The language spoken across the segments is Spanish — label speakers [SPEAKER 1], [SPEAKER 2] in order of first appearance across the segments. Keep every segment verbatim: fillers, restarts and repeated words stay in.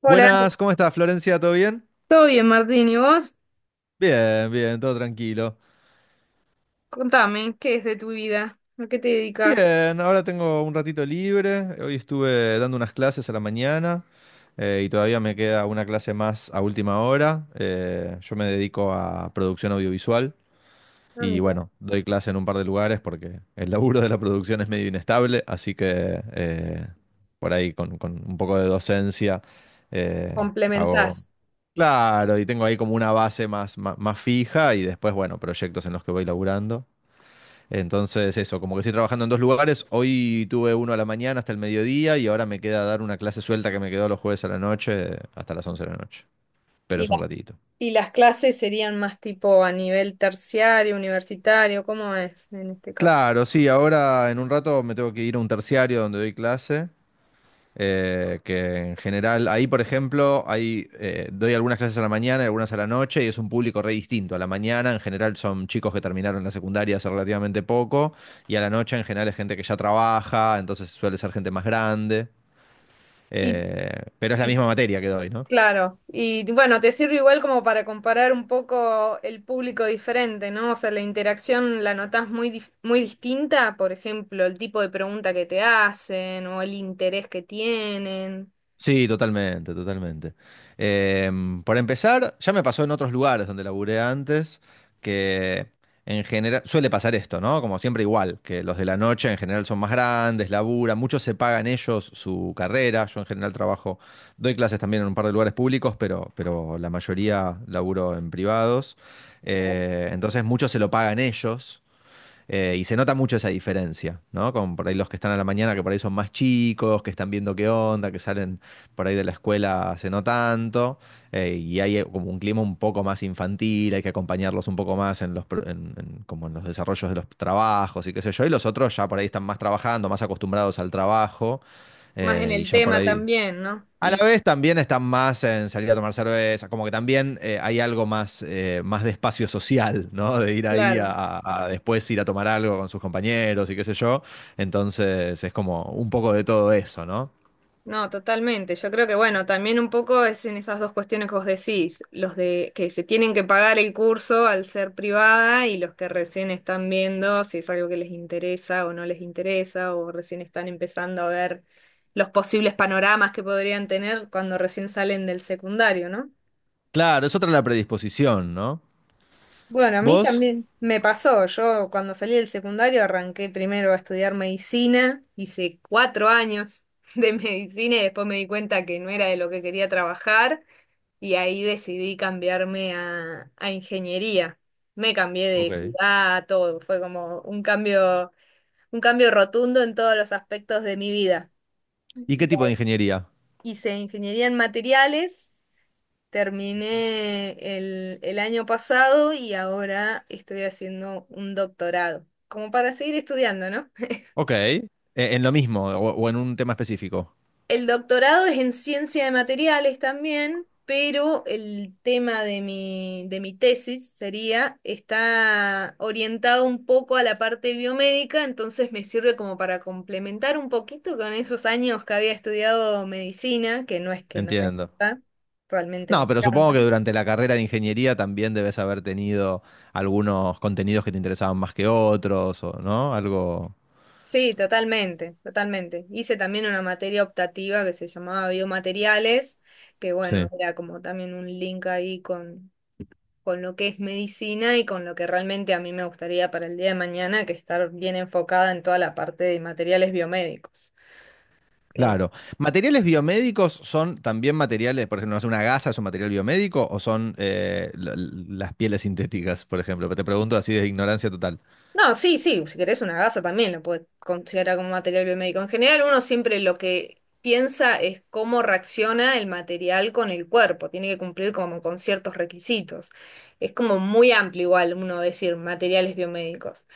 [SPEAKER 1] Hola,
[SPEAKER 2] Buenas, ¿cómo estás, Florencia? ¿Todo bien?
[SPEAKER 1] ¿todo bien, Martín? ¿Y vos?
[SPEAKER 2] Bien, bien, todo tranquilo.
[SPEAKER 1] Contame, ¿qué es de tu vida? ¿A qué te dedicas?
[SPEAKER 2] Bien, ahora tengo un ratito libre. Hoy estuve dando unas clases a la mañana, eh, y todavía me queda una clase más a última hora. Eh, yo me dedico a producción audiovisual.
[SPEAKER 1] Ah,
[SPEAKER 2] Y
[SPEAKER 1] mira.
[SPEAKER 2] bueno, doy clase en un par de lugares porque el laburo de la producción es medio inestable, así que eh, por ahí con, con un poco de docencia eh, hago...
[SPEAKER 1] Complementás.
[SPEAKER 2] Claro, y tengo ahí como una base más, más, más fija y después, bueno, proyectos en los que voy laburando. Entonces, eso, como que estoy trabajando en dos lugares. Hoy tuve uno a la mañana hasta el mediodía y ahora me queda dar una clase suelta que me quedó los jueves a la noche hasta las once de la noche. Pero
[SPEAKER 1] ¿Y
[SPEAKER 2] es
[SPEAKER 1] las,
[SPEAKER 2] un ratito.
[SPEAKER 1] y las clases serían más tipo a nivel terciario, universitario? ¿Cómo es en este caso?
[SPEAKER 2] Claro, sí, ahora en un rato me tengo que ir a un terciario donde doy clase. Eh, que en general, ahí por ejemplo, hay, eh, doy algunas clases a la mañana y algunas a la noche y es un público re distinto. A la mañana en general son chicos que terminaron la secundaria hace relativamente poco, y a la noche en general es gente que ya trabaja, entonces suele ser gente más grande,
[SPEAKER 1] Y,
[SPEAKER 2] eh, pero es la
[SPEAKER 1] y-
[SPEAKER 2] misma materia que doy, ¿no?
[SPEAKER 1] claro, y bueno, te sirve igual como para comparar un poco el público diferente, ¿no? O sea, la interacción la notas muy, dif- muy distinta, por ejemplo, el tipo de pregunta que te hacen o el interés que tienen.
[SPEAKER 2] Sí, totalmente, totalmente. Em, por empezar, ya me pasó en otros lugares donde laburé antes, que en general suele pasar esto, ¿no? Como siempre igual, que los de la noche en general son más grandes, laburan, muchos se pagan ellos su carrera. Yo en general trabajo, doy clases también en un par de lugares públicos, pero, pero la mayoría laburo en privados. Eh, entonces muchos se lo pagan ellos. Eh, y se nota mucho esa diferencia, ¿no? Con por ahí los que están a la mañana, que por ahí son más chicos, que están viendo qué onda, que salen por ahí de la escuela hace no tanto, eh, y hay eh, como un clima un poco más infantil, hay que acompañarlos un poco más en los, pro- en- en- como en los desarrollos de los trabajos y qué sé yo, y los otros ya por ahí están más trabajando, más acostumbrados al trabajo,
[SPEAKER 1] Más en
[SPEAKER 2] eh, y
[SPEAKER 1] el
[SPEAKER 2] ya por
[SPEAKER 1] tema
[SPEAKER 2] ahí...
[SPEAKER 1] también, ¿no?
[SPEAKER 2] A la
[SPEAKER 1] Y
[SPEAKER 2] vez también están más en salir a tomar cerveza, como que también eh, hay algo más, eh, más de espacio social, ¿no? De ir ahí a,
[SPEAKER 1] claro,
[SPEAKER 2] a- a después ir a tomar algo con sus compañeros y qué sé yo. Entonces es como un poco de todo eso, ¿no?
[SPEAKER 1] no, totalmente. Yo creo que, bueno, también un poco es en esas dos cuestiones que vos decís, los de que se tienen que pagar el curso al ser privada y los que recién están viendo si es algo que les interesa o no les interesa o recién están empezando a ver los posibles panoramas que podrían tener cuando recién salen del secundario, ¿no?
[SPEAKER 2] Claro, es otra la predisposición, ¿no?
[SPEAKER 1] Bueno, a mí
[SPEAKER 2] ¿Vos?
[SPEAKER 1] también me pasó. Yo cuando salí del secundario arranqué primero a estudiar medicina, hice cuatro años de medicina y después me di cuenta que no era de lo que quería trabajar y ahí decidí cambiarme a, a ingeniería. Me cambié de
[SPEAKER 2] Ok.
[SPEAKER 1] ciudad, todo. Fue como un cambio, un cambio rotundo en todos los aspectos de mi vida.
[SPEAKER 2] ¿Y qué
[SPEAKER 1] Y
[SPEAKER 2] tipo de ingeniería?
[SPEAKER 1] Hice ingeniería en materiales. Terminé el, el año pasado y ahora estoy haciendo un doctorado, como para seguir estudiando, ¿no?
[SPEAKER 2] Ok. Eh, en lo mismo o, o en un tema específico.
[SPEAKER 1] El doctorado es en ciencia de materiales también, pero el tema de mi, de mi tesis sería, está orientado un poco a la parte biomédica, entonces me sirve como para complementar un poquito con esos años que había estudiado medicina, que no es que no me
[SPEAKER 2] Entiendo.
[SPEAKER 1] gusta, realmente me
[SPEAKER 2] No, pero supongo
[SPEAKER 1] encanta.
[SPEAKER 2] que durante la carrera de ingeniería también debes haber tenido algunos contenidos que te interesaban más que otros, o, ¿no? Algo.
[SPEAKER 1] Sí, totalmente, totalmente. Hice también una materia optativa que se llamaba biomateriales, que bueno,
[SPEAKER 2] Sí,
[SPEAKER 1] era como también un link ahí con, con lo que es medicina y con lo que realmente a mí me gustaría para el día de mañana, que estar bien enfocada en toda la parte de materiales biomédicos.
[SPEAKER 2] claro. ¿Materiales biomédicos son también materiales, por ejemplo? ¿No es una gasa, es un material biomédico o son eh, la- las pieles sintéticas, por ejemplo? Te pregunto así de ignorancia total.
[SPEAKER 1] No, sí, sí, si querés una gasa también lo puedes considerar como material biomédico. En general, uno siempre lo que piensa es cómo reacciona el material con el cuerpo, tiene que cumplir como con ciertos requisitos. Es como muy amplio igual uno decir materiales biomédicos.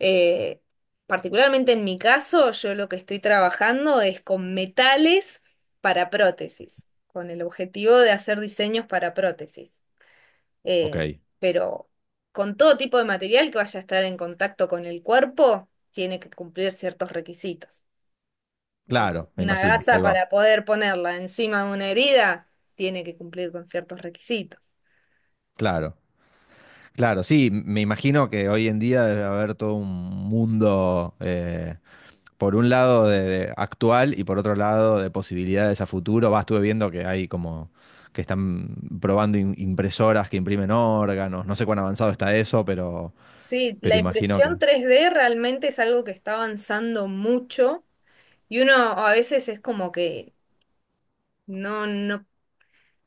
[SPEAKER 1] Eh, Particularmente en mi caso, yo lo que estoy trabajando es con metales para prótesis, con el objetivo de hacer diseños para prótesis,
[SPEAKER 2] Ok,
[SPEAKER 1] eh, pero con todo tipo de material que vaya a estar en contacto con el cuerpo, tiene que cumplir ciertos requisitos. Entonces,
[SPEAKER 2] claro, me
[SPEAKER 1] una
[SPEAKER 2] imagino,
[SPEAKER 1] gasa
[SPEAKER 2] ahí va.
[SPEAKER 1] para poder ponerla encima de una herida, tiene que cumplir con ciertos requisitos.
[SPEAKER 2] Claro, claro, sí, me imagino que hoy en día debe haber todo un mundo. Eh, por un lado de, de actual y por otro lado de posibilidades a futuro. Va, estuve viendo que hay como que están probando im- impresoras que imprimen órganos. No sé cuán avanzado está eso, pero,
[SPEAKER 1] Sí, la
[SPEAKER 2] pero imagino que...
[SPEAKER 1] impresión tres d realmente es algo que está avanzando mucho y uno a veces es como que no, no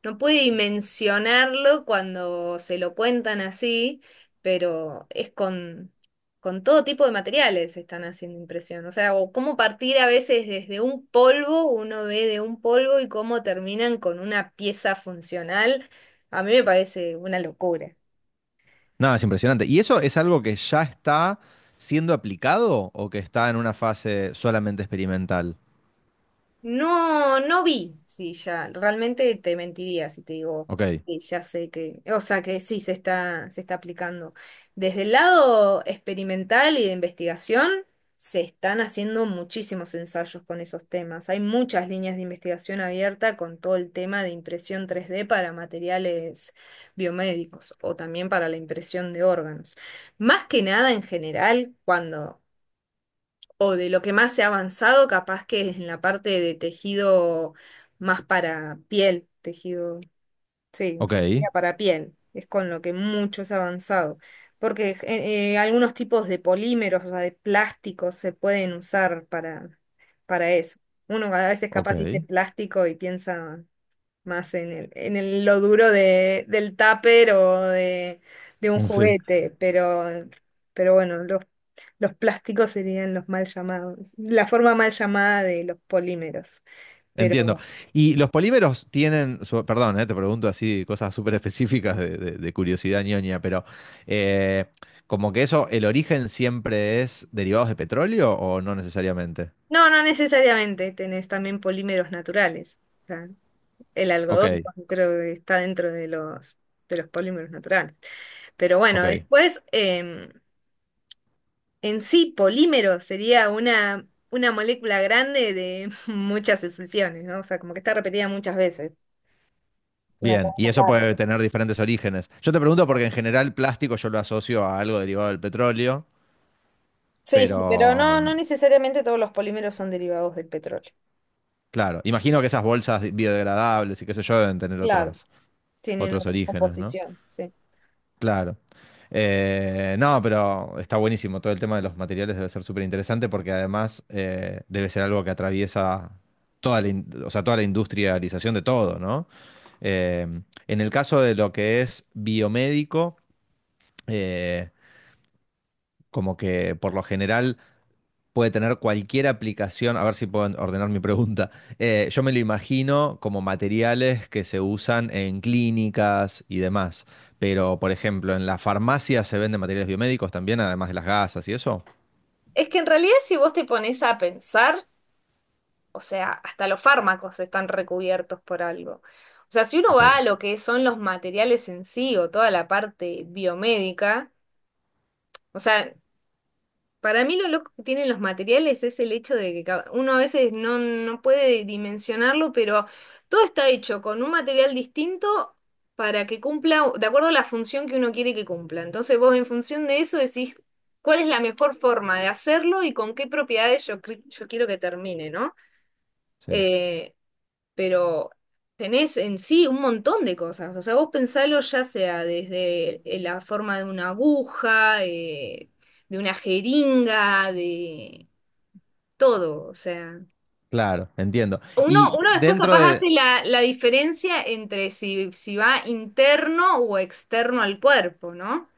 [SPEAKER 1] No pude dimensionarlo cuando se lo cuentan así, pero es con, con todo tipo de materiales están haciendo impresión. O sea, o cómo partir a veces desde un polvo, uno ve de un polvo y cómo terminan con una pieza funcional, a mí me parece una locura.
[SPEAKER 2] Nada, es impresionante. ¿Y eso es algo que ya está siendo aplicado o que está en una fase solamente experimental?
[SPEAKER 1] No, no vi. Sí, ya, realmente te mentiría si te digo
[SPEAKER 2] Ok,
[SPEAKER 1] que ya sé que, o sea, que sí se está, se está aplicando. Desde el lado experimental y de investigación, se están haciendo muchísimos ensayos con esos temas. Hay muchas líneas de investigación abierta con todo el tema de impresión tres d para materiales biomédicos o también para la impresión de órganos. Más que nada en general, cuando o de lo que más se ha avanzado, capaz que es en la parte de tejido más para piel, tejido, sí, o sea,
[SPEAKER 2] ok,
[SPEAKER 1] sería para piel, es con lo que mucho se ha avanzado, porque eh, eh, algunos tipos de polímeros, o sea, de plásticos se pueden usar para, para, eso. Uno a veces capaz dice
[SPEAKER 2] ok.
[SPEAKER 1] plástico y piensa más en el, en el- lo duro de, del tupper o de, de un
[SPEAKER 2] Sí.
[SPEAKER 1] juguete, pero, pero, bueno, los, los plásticos serían los mal llamados, la forma mal llamada de los polímeros, pero
[SPEAKER 2] Entiendo. ¿Y los polímeros tienen, su- perdón, eh, te pregunto así cosas súper específicas de, de- de curiosidad ñoña, pero eh, como que eso, el origen siempre es derivados de petróleo o no necesariamente?
[SPEAKER 1] no, no necesariamente, tenés también polímeros naturales, o sea, el
[SPEAKER 2] Ok,
[SPEAKER 1] algodón creo que está dentro de los, de los, polímeros naturales, pero bueno,
[SPEAKER 2] ok.
[SPEAKER 1] después... En sí, polímero sería una, una molécula grande de muchas sucesiones, ¿no? O sea, como que está repetida muchas veces. Una
[SPEAKER 2] Bien, y
[SPEAKER 1] cadena
[SPEAKER 2] eso
[SPEAKER 1] larga.
[SPEAKER 2] puede tener diferentes orígenes. Yo te pregunto porque en general plástico yo lo asocio a algo derivado del petróleo,
[SPEAKER 1] Sí,
[SPEAKER 2] pero
[SPEAKER 1] sí, pero no, no necesariamente todos los polímeros son derivados del petróleo.
[SPEAKER 2] claro, imagino que esas bolsas biodegradables y qué sé yo deben tener
[SPEAKER 1] Claro.
[SPEAKER 2] otras,
[SPEAKER 1] Tienen
[SPEAKER 2] otros
[SPEAKER 1] otras
[SPEAKER 2] orígenes, ¿no?
[SPEAKER 1] composiciones, sí.
[SPEAKER 2] Claro. Eh, no, pero está buenísimo. Todo el tema de los materiales debe ser súper interesante porque además eh, debe ser algo que atraviesa toda la, in- o sea, toda la industrialización de todo, ¿no? Eh, en el caso de lo que es biomédico, eh, como que por lo general puede tener cualquier aplicación, a ver si puedo ordenar mi pregunta. Eh, yo me lo imagino como materiales que se usan en clínicas y demás, pero por ejemplo, en la farmacia se venden materiales biomédicos también, además de las gasas y eso.
[SPEAKER 1] Es que en realidad si vos te pones a pensar, o sea, hasta los fármacos están recubiertos por algo. O sea, si uno
[SPEAKER 2] Ok,
[SPEAKER 1] va a lo que son los materiales en sí o toda la parte biomédica, o sea, para mí lo loco que tienen los materiales es el hecho de que ca- uno a veces no, no puede dimensionarlo, pero todo está hecho con un material distinto para que cumpla, de acuerdo a la función que uno quiere que cumpla. Entonces vos en función de eso decís cuál es la mejor forma de hacerlo y con qué propiedades yo, cre- yo quiero que termine, ¿no?
[SPEAKER 2] sí.
[SPEAKER 1] Eh, pero tenés en sí un montón de cosas. O sea, vos pensalo ya sea desde eh, la forma de una aguja, eh, de una jeringa, de todo. O sea,
[SPEAKER 2] Claro, entiendo.
[SPEAKER 1] uno,
[SPEAKER 2] Y
[SPEAKER 1] uno después
[SPEAKER 2] dentro
[SPEAKER 1] capaz
[SPEAKER 2] de,
[SPEAKER 1] hace la, la, diferencia entre si, si va interno o externo al cuerpo, ¿no?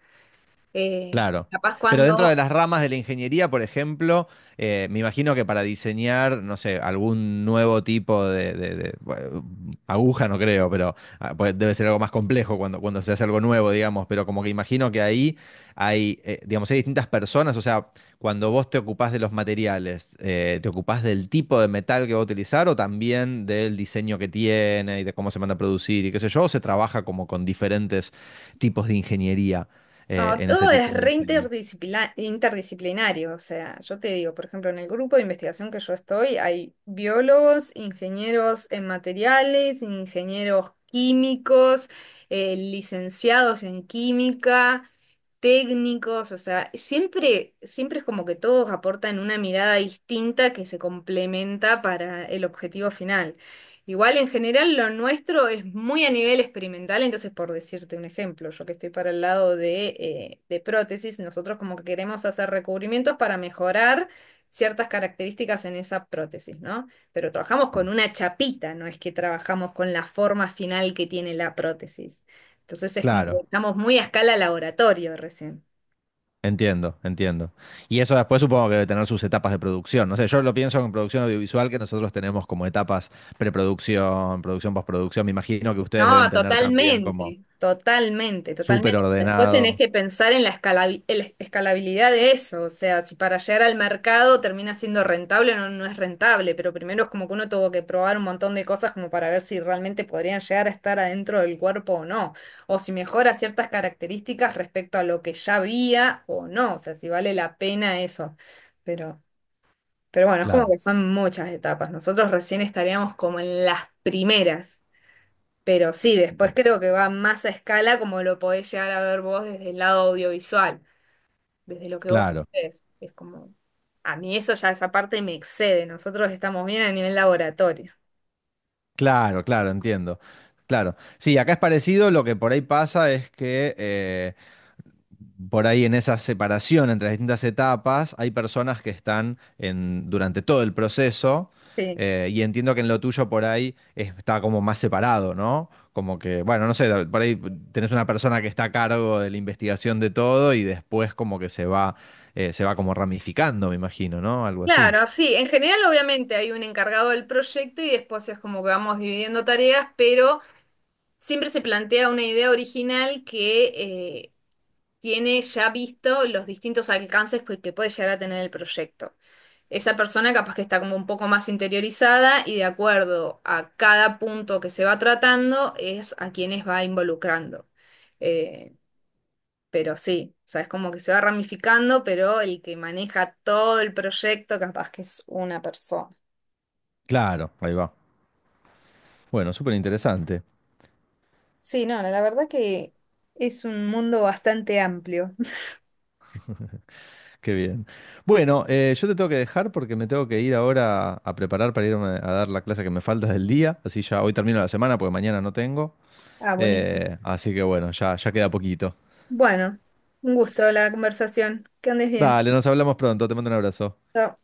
[SPEAKER 1] Eh,
[SPEAKER 2] claro.
[SPEAKER 1] Capaz
[SPEAKER 2] Pero dentro de
[SPEAKER 1] cuando,
[SPEAKER 2] las ramas de la ingeniería, por ejemplo, eh, me imagino que para diseñar, no sé, algún nuevo tipo de, de- de- bueno, aguja, no creo, pero ah, pues, debe ser algo más complejo cuando, cuando se hace algo nuevo, digamos, pero como que imagino que ahí hay, eh, digamos, hay distintas personas, o sea, cuando vos te ocupás de los materiales, eh, ¿te ocupás del tipo de metal que va a utilizar o también del diseño que tiene y de cómo se manda a producir y qué sé yo, o se trabaja como con diferentes tipos de ingeniería eh,
[SPEAKER 1] no,
[SPEAKER 2] en ese
[SPEAKER 1] todo es
[SPEAKER 2] tipo de
[SPEAKER 1] re
[SPEAKER 2] diseño?
[SPEAKER 1] interdisciplina- interdisciplinario. O sea, yo te digo, por ejemplo, en el grupo de investigación que yo estoy, hay biólogos, ingenieros en materiales, ingenieros químicos, eh, licenciados en química, técnicos, o sea, siempre, siempre es como que todos aportan una mirada distinta que se complementa para el objetivo final. Igual en general lo nuestro es muy a nivel experimental, entonces por decirte un ejemplo, yo que estoy para el lado de, eh, de prótesis, nosotros como que queremos hacer recubrimientos para mejorar ciertas características en esa prótesis, ¿no? Pero trabajamos con
[SPEAKER 2] Sí.
[SPEAKER 1] una chapita, no es que trabajamos con la forma final que tiene la prótesis. Entonces es como que
[SPEAKER 2] Claro,
[SPEAKER 1] estamos muy a escala laboratorio recién.
[SPEAKER 2] entiendo, entiendo. Y eso después supongo que debe tener sus etapas de producción. No sé, yo lo pienso en producción audiovisual que nosotros tenemos como etapas preproducción, producción, postproducción. Me imagino que ustedes deben
[SPEAKER 1] No,
[SPEAKER 2] tener también como
[SPEAKER 1] totalmente. Totalmente,
[SPEAKER 2] súper
[SPEAKER 1] totalmente. Después tenés
[SPEAKER 2] ordenado.
[SPEAKER 1] que pensar en la escalabi- en la escalabilidad de eso, o sea, si para llegar al mercado termina siendo rentable o no, no es rentable, pero primero es como que uno tuvo que probar un montón de cosas como para ver si realmente podrían llegar a estar adentro del cuerpo o no, o si mejora ciertas características respecto a lo que ya había o no, o sea, si vale la pena eso. Pero Pero bueno, es como
[SPEAKER 2] Claro,
[SPEAKER 1] que son muchas etapas. Nosotros recién estaríamos como en las primeras. Pero sí, después
[SPEAKER 2] bien,
[SPEAKER 1] creo que va más a escala como lo podés llegar a ver vos desde el lado audiovisual, desde lo que vos
[SPEAKER 2] claro.
[SPEAKER 1] haces. Es como, a mí eso ya esa parte me excede. Nosotros estamos bien a nivel laboratorio.
[SPEAKER 2] Claro, claro, entiendo. Claro. Sí, acá es parecido, lo que por ahí pasa es que por ahí en esa separación entre las distintas etapas, hay personas que están en, durante todo el proceso,
[SPEAKER 1] Sí.
[SPEAKER 2] eh, y entiendo que en lo tuyo por ahí es- está como más separado, ¿no? Como que, bueno, no sé, por ahí tenés una persona que está a cargo de la investigación de todo y después como que se va, eh, se va como ramificando, me imagino, ¿no? Algo así.
[SPEAKER 1] Claro, sí. En general, obviamente, hay un encargado del proyecto y después es como que vamos dividiendo tareas, pero siempre se plantea una idea original que eh, tiene ya visto los distintos alcances que que puede llegar a tener el proyecto. Esa persona capaz que está como un poco más interiorizada y de acuerdo a cada punto que se va tratando es a quienes va involucrando. Eh, pero sí, o sea, es como que se va ramificando, pero el que maneja todo el proyecto capaz que es una persona.
[SPEAKER 2] Claro, ahí va. Bueno, súper interesante.
[SPEAKER 1] Sí, no, la verdad que es un mundo bastante amplio.
[SPEAKER 2] Qué bien. Bueno, eh, yo te tengo que dejar porque me tengo que ir ahora a preparar para irme a dar la clase que me falta del día. Así ya hoy termino la semana porque mañana no tengo.
[SPEAKER 1] Ah, buenísimo.
[SPEAKER 2] Eh, así que bueno, ya, ya queda poquito.
[SPEAKER 1] Bueno, un gusto la conversación. Que andes bien.
[SPEAKER 2] Dale, nos hablamos pronto. Te mando un abrazo.
[SPEAKER 1] Chao.